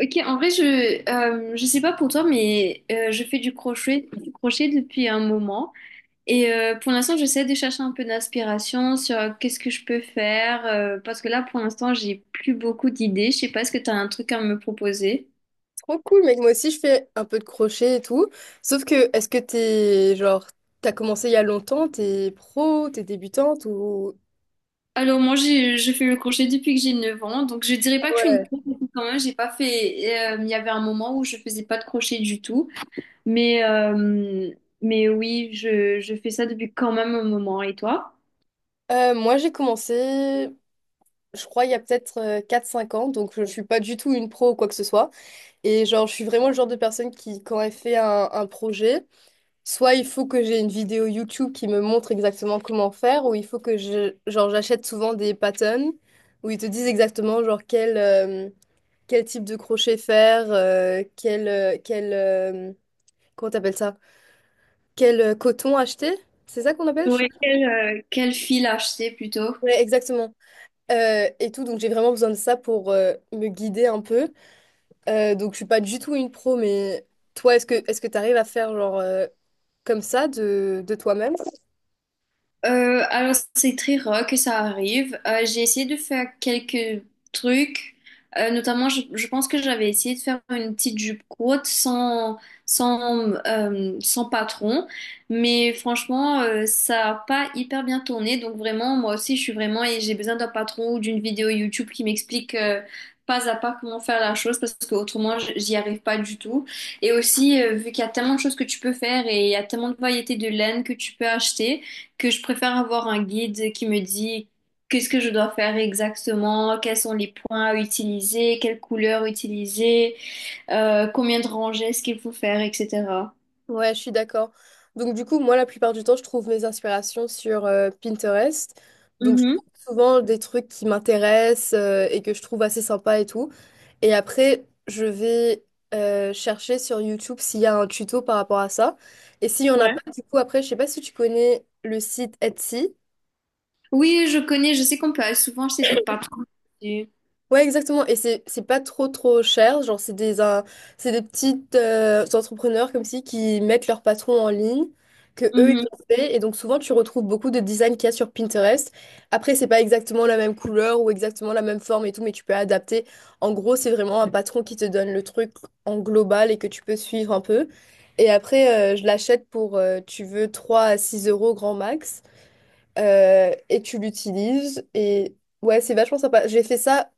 Ok, en vrai, je sais pas pour toi, mais je fais du crochet depuis un moment. Et pour l'instant, j'essaie de chercher un peu d'inspiration sur qu'est-ce que je peux faire. Parce que là, pour l'instant, j'ai plus beaucoup d'idées. Je sais pas, est-ce que tu as un truc à me proposer? Trop cool, mec. Moi aussi, je fais un peu de crochet et tout. Sauf que, est-ce que t'es, genre, t'as commencé il y a longtemps, t'es pro, t'es débutante ou. Alors, moi, je fais le crochet depuis que j'ai 9 ans. Donc, je dirais Ah, pas que je suis une ouais. pro, parce que quand même, j'ai pas fait. Il y avait un moment où je faisais pas de crochet du tout. Mais, euh, mais oui, je fais ça depuis quand même un moment. Et toi? Moi, j'ai commencé, je crois, il y a peut-être 4-5 ans, donc je ne suis pas du tout une pro ou quoi que ce soit. Et genre, je suis vraiment le genre de personne qui, quand elle fait un projet, soit il faut que j'ai une vidéo YouTube qui me montre exactement comment faire, ou il faut que je, genre, j'achète souvent des patterns où ils te disent exactement, genre, quel type de crochet faire, quel, quel comment t'appelles ça? Quel coton acheter? C'est ça qu'on appelle? Je sais Ouais, pas. Quel fil acheter plutôt? Ouais, exactement. Et tout, donc j'ai vraiment besoin de ça pour me guider un peu. Donc je suis pas du tout une pro, mais toi, est-ce que t'arrives à faire genre comme ça de toi-même? Alors, c'est très rare que ça arrive. J'ai essayé de faire quelques trucs. Notamment, je pense que j'avais essayé de faire une petite jupe courte sans patron. Mais franchement, ça n'a pas hyper bien tourné. Donc vraiment, moi aussi, je suis vraiment et j'ai besoin d'un patron ou d'une vidéo YouTube qui m'explique pas à pas comment faire la chose parce que autrement, j'y arrive pas du tout. Et aussi, vu qu'il y a tellement de choses que tu peux faire et il y a tellement de variétés de laine que tu peux acheter que je préfère avoir un guide qui me dit qu'est-ce que je dois faire exactement, quels sont les points à utiliser, quelles couleurs utiliser, combien de rangées est-ce qu'il faut faire, etc. Ouais, je suis d'accord. Donc du coup, moi, la plupart du temps, je trouve mes inspirations sur Pinterest. Donc je Mhm, trouve souvent des trucs qui m'intéressent et que je trouve assez sympa et tout. Et après, je vais chercher sur YouTube s'il y a un tuto par rapport à ça. Et s'il y en a ouais. pas, du coup, après, je sais pas si tu connais le site Etsy. Oui, je connais, je sais qu'on peut souvent acheter des patrons. Ouais, exactement. Et c'est pas trop trop cher. Genre, c'est des petites entrepreneurs comme si qui mettent leur patron en ligne, que eux ils Mhm, ont fait. Et donc souvent tu retrouves beaucoup de designs qu'il y a sur Pinterest. Après, c'est pas exactement la même couleur ou exactement la même forme et tout, mais tu peux adapter. En gros, c'est vraiment un patron qui te donne le truc en global et que tu peux suivre un peu. Et après, je l'achète pour, tu veux, 3 à 6 euros grand max et tu l'utilises. Et ouais, c'est vachement sympa. J'ai fait ça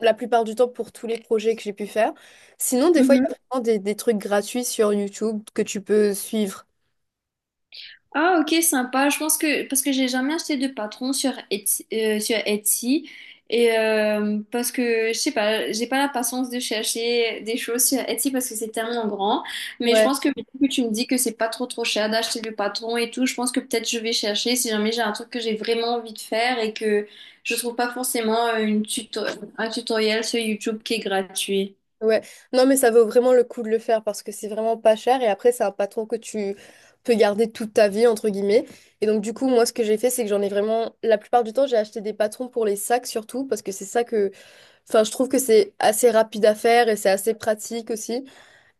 la plupart du temps pour tous les projets que j'ai pu faire. Sinon, des fois, il y a mhm. vraiment des trucs gratuits sur YouTube que tu peux suivre. Ah ok sympa, je pense que parce que j'ai jamais acheté de patron sur Etsy et parce que je sais pas, j'ai pas la patience de chercher des choses sur Etsy parce que c'est tellement grand, mais je Ouais. pense que vu que tu me dis que c'est pas trop trop cher d'acheter le patron et tout, je pense que peut-être je vais chercher si jamais j'ai un truc que j'ai vraiment envie de faire et que je trouve pas forcément un tutoriel sur YouTube qui est gratuit. Ouais. Non, mais ça vaut vraiment le coup de le faire parce que c'est vraiment pas cher et après, c'est un patron que tu peux garder toute ta vie, entre guillemets. Et donc, du coup, moi, ce que j'ai fait, c'est que j'en ai vraiment. La plupart du temps, j'ai acheté des patrons pour les sacs surtout parce que c'est ça que. Enfin, je trouve que c'est assez rapide à faire et c'est assez pratique aussi.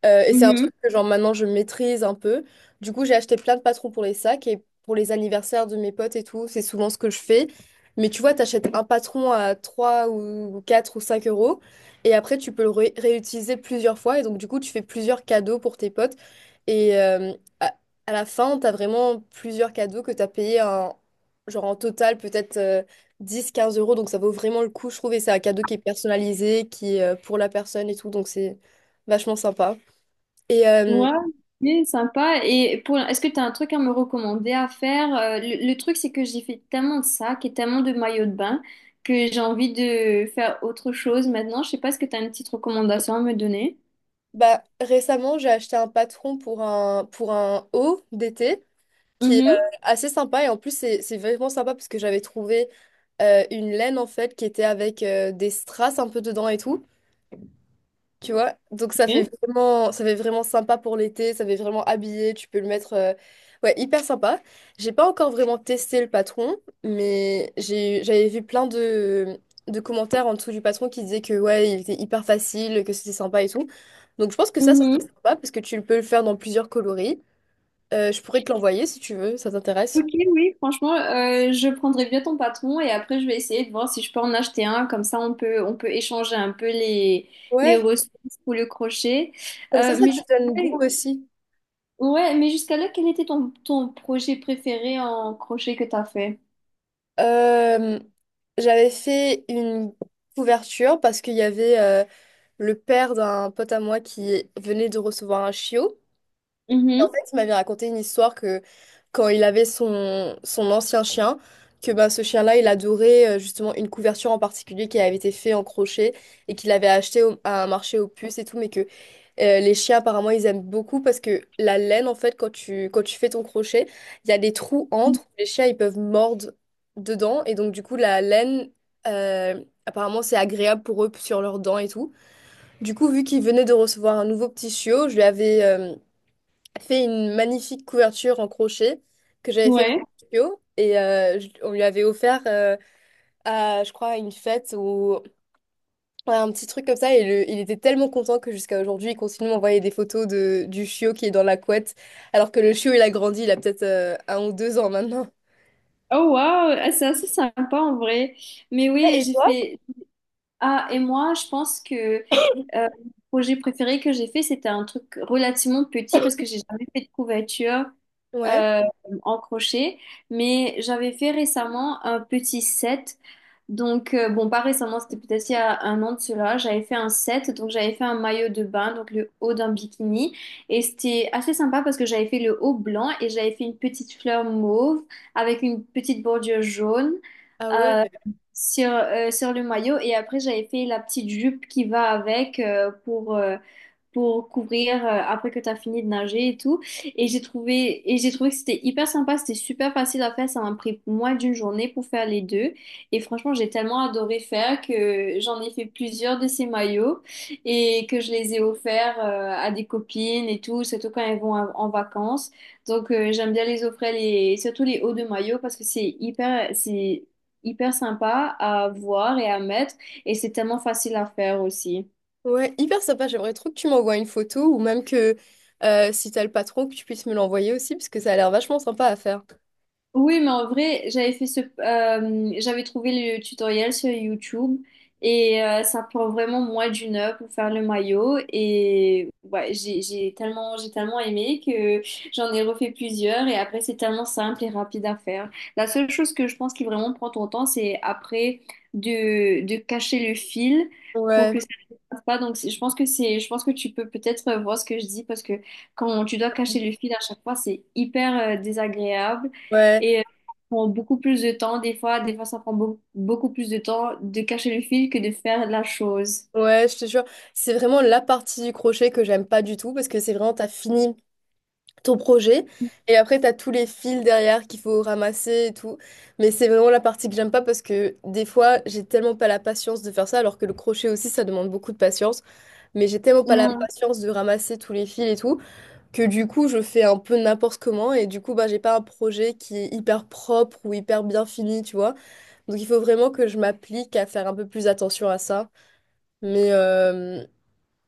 Et c'est un Mhm. truc que genre maintenant je maîtrise un peu. Du coup, j'ai acheté plein de patrons pour les sacs et pour les anniversaires de mes potes et tout, c'est souvent ce que je fais. Mais tu vois, t'achètes un patron à 3 ou 4 ou 5 euros et après tu peux le réutiliser plusieurs fois et donc du coup tu fais plusieurs cadeaux pour tes potes et à, à la fin t'as vraiment plusieurs cadeaux que t'as payé en, genre en total peut-être 10-15 euros donc ça vaut vraiment le coup je trouve et c'est un cadeau qui est personnalisé, qui est pour la personne et tout donc c'est vachement sympa. Et euh, Ouais, c'est sympa. Et pour, est-ce que tu as un truc à me recommander à faire? Le truc, c'est que j'ai fait tellement de sacs et tellement de maillots de bain que j'ai envie de faire autre chose maintenant. Je sais pas, est-ce que tu as une petite recommandation à me donner? Bah, récemment, j'ai acheté un patron pour un haut d'été qui est Mhm. assez sympa. Et en plus, c'est vraiment sympa parce que j'avais trouvé une laine en fait qui était avec des strass un peu dedans et tout. Tu vois, donc Oui. Ça fait vraiment sympa pour l'été, ça fait vraiment habillé, tu peux le mettre, ouais, hyper sympa. J'ai pas encore vraiment testé le patron, mais j'ai, j'avais vu plein de commentaires en dessous du patron qui disaient que ouais, il était hyper facile, que c'était sympa et tout. Donc je pense que ça serait Mhm. sympa parce que tu peux le faire dans plusieurs coloris. Je pourrais te l'envoyer si tu veux, ça Ok, t'intéresse. oui, franchement, je prendrai bien ton patron et après je vais essayer de voir si je peux en acheter un. Comme ça, on peut échanger un peu les Ouais, ressources pour le crochet. comme ça, Euh, ça mais te je- donne goût aussi. Ouais, mais jusqu'à là, quel était ton projet préféré en crochet que t'as fait? Euh, J'avais fait une couverture parce qu'il y avait le père d'un pote à moi qui venait de recevoir un chiot. Et en fait, Mhm. il m'avait raconté une histoire que quand il avait son ancien chien, que bah, ce chien-là, il adorait justement une couverture en particulier qui avait été faite en crochet et qu'il avait acheté à un marché aux puces et tout, mais que les chiens, apparemment, ils aiment beaucoup parce que la laine, en fait, quand tu fais ton crochet, il y a des trous entre, les chiens, ils peuvent mordre dedans et donc, du coup, la laine, apparemment, c'est agréable pour eux sur leurs dents et tout. Du coup, vu qu'il venait de recevoir un nouveau petit chiot, je lui avais fait une magnifique couverture en crochet que j'avais fait pour Ouais. le chiot. On lui avait offert à, je crois, à une fête ou à un petit truc comme ça. Et il était tellement content que jusqu'à aujourd'hui, il continue de m'envoyer des photos de, du chiot qui est dans la couette. Alors que le chiot, il a grandi, il a peut-être un ou deux ans maintenant. Oh wow. Ah, c'est assez sympa en vrai. Mais Ah, oui, et j'ai toi? fait. Ah, et moi, je pense que le projet préféré que j'ai fait, c'était un truc relativement petit parce que j'ai jamais fait de couverture Ouais. euh, en crochet. Mais j'avais fait récemment un petit set. Donc, bon, pas récemment, c'était peut-être il y a 1 an de cela, j'avais fait un set, donc j'avais fait un maillot de bain, donc le haut d'un bikini, et c'était assez sympa parce que j'avais fait le haut blanc et j'avais fait une petite fleur mauve avec une petite bordure jaune Ah, ouais. euh, sur le maillot, et après j'avais fait la petite jupe qui va avec pour couvrir après que tu as fini de nager et tout. Et j'ai trouvé que c'était hyper sympa, c'était super facile à faire. Ça m'a pris moins d'une journée pour faire les deux. Et franchement, j'ai tellement adoré faire que j'en ai fait plusieurs de ces maillots et que je les ai offerts à des copines et tout, surtout quand elles vont en vacances. Donc j'aime bien les offrir les, surtout les hauts de maillot parce que c'est hyper sympa à voir et à mettre et c'est tellement facile à faire aussi. Ouais, hyper sympa. J'aimerais trop que tu m'envoies une photo ou même que si t'as le patron, que tu puisses me l'envoyer aussi, parce que ça a l'air vachement sympa à faire. Oui, mais en vrai, j'avais trouvé le tutoriel sur YouTube et ça prend vraiment moins d'1 heure pour faire le maillot et ouais, j'ai tellement aimé que j'en ai refait plusieurs et après c'est tellement simple et rapide à faire. La seule chose que je pense qui vraiment prend ton temps, c'est après de cacher le fil pour Ouais, que ça ne passe pas. Je pense que c'est, je pense que tu peux peut-être voir ce que je dis parce que quand tu dois cacher le fil à chaque fois, c'est hyper désagréable. ouais, Et ça prend beaucoup plus de temps, des fois ça prend beaucoup plus de temps de cacher le fil que de faire la chose. ouais, je te jure. C'est vraiment la partie du crochet que j'aime pas du tout parce que c'est vraiment, t'as fini ton projet et après, t'as tous les fils derrière qu'il faut ramasser et tout. Mais c'est vraiment la partie que j'aime pas parce que des fois, j'ai tellement pas la patience de faire ça, alors que le crochet aussi, ça demande beaucoup de patience. Mais j'ai tellement pas la Mhm. patience de ramasser tous les fils et tout, que du coup je fais un peu n'importe comment et du coup bah j'ai pas un projet qui est hyper propre ou hyper bien fini tu vois, donc il faut vraiment que je m'applique à faire un peu plus attention à ça, mais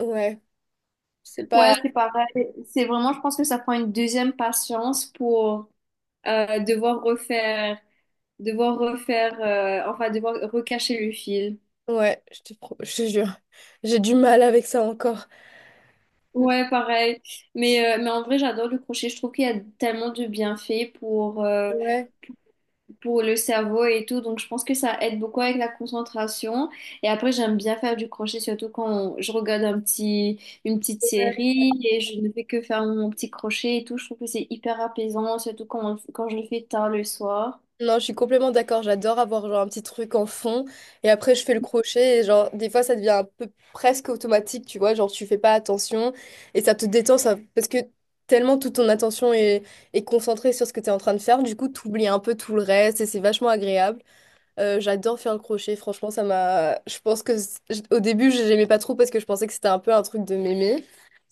ouais, c'est Ouais, pas, c'est pareil. C'est vraiment, je pense que ça prend une deuxième patience pour euh, devoir refaire, devoir refaire, enfin, devoir recacher le fil. ouais, je te je te jure, j'ai du mal avec ça encore. Ouais, pareil. Mais en vrai, j'adore le crochet. Je trouve qu'il y a tellement de bienfaits Ouais. pour le cerveau et tout. Donc, je pense que ça aide beaucoup avec la concentration. Et après, j'aime bien faire du crochet, surtout quand je regarde une petite série et je ne fais que faire mon petit crochet et tout. Je trouve que c'est hyper apaisant, surtout quand je le fais tard le soir. Non, je suis complètement d'accord. J'adore avoir genre un petit truc en fond et après je fais le crochet et genre des fois ça devient un peu presque automatique, tu vois, genre tu fais pas attention et ça te détend ça parce que tellement toute ton attention est, est concentrée sur ce que tu es en train de faire, du coup tu oublies un peu tout le reste et c'est vachement agréable. J'adore faire le crochet, franchement, ça m'a. Je pense que au début, n'aimais pas trop parce que je pensais que c'était un peu un truc de mémé.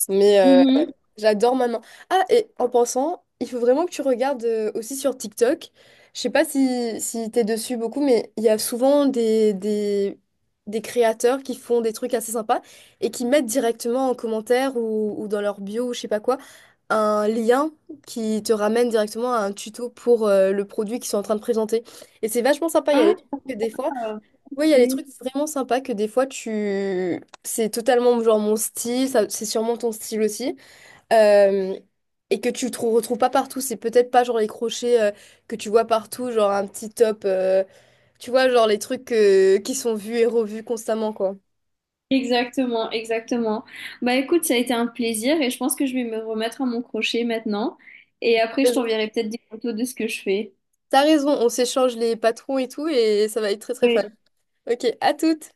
Mais Mhm. j'adore maintenant. Ah, et en pensant, il faut vraiment que tu regardes aussi sur TikTok. Je sais pas si t'es dessus beaucoup, mais il y a souvent des créateurs qui font des trucs assez sympas et qui mettent directement en commentaire ou dans leur bio ou je sais pas quoi un lien qui te ramène directement à un tuto pour le produit qu'ils sont en train de présenter. Et c'est vachement sympa Ah, que des fois, oui, il y a des ok. trucs vraiment sympas que des fois tu. C'est totalement genre mon style, ça, c'est sûrement ton style aussi. euh, et que tu retrouves pas partout. C'est peut-être pas genre les crochets que tu vois partout, genre un petit top. Tu vois, genre les trucs qui sont vus et revus constamment, quoi. Exactement, exactement. Bah écoute, ça a été un plaisir et je pense que je vais me remettre à mon crochet maintenant. Et après, je Raison. t'enverrai peut-être des photos de ce que je fais. T'as raison, on s'échange les patrons et tout, et ça va être très très Oui. fun. Ok, à toutes!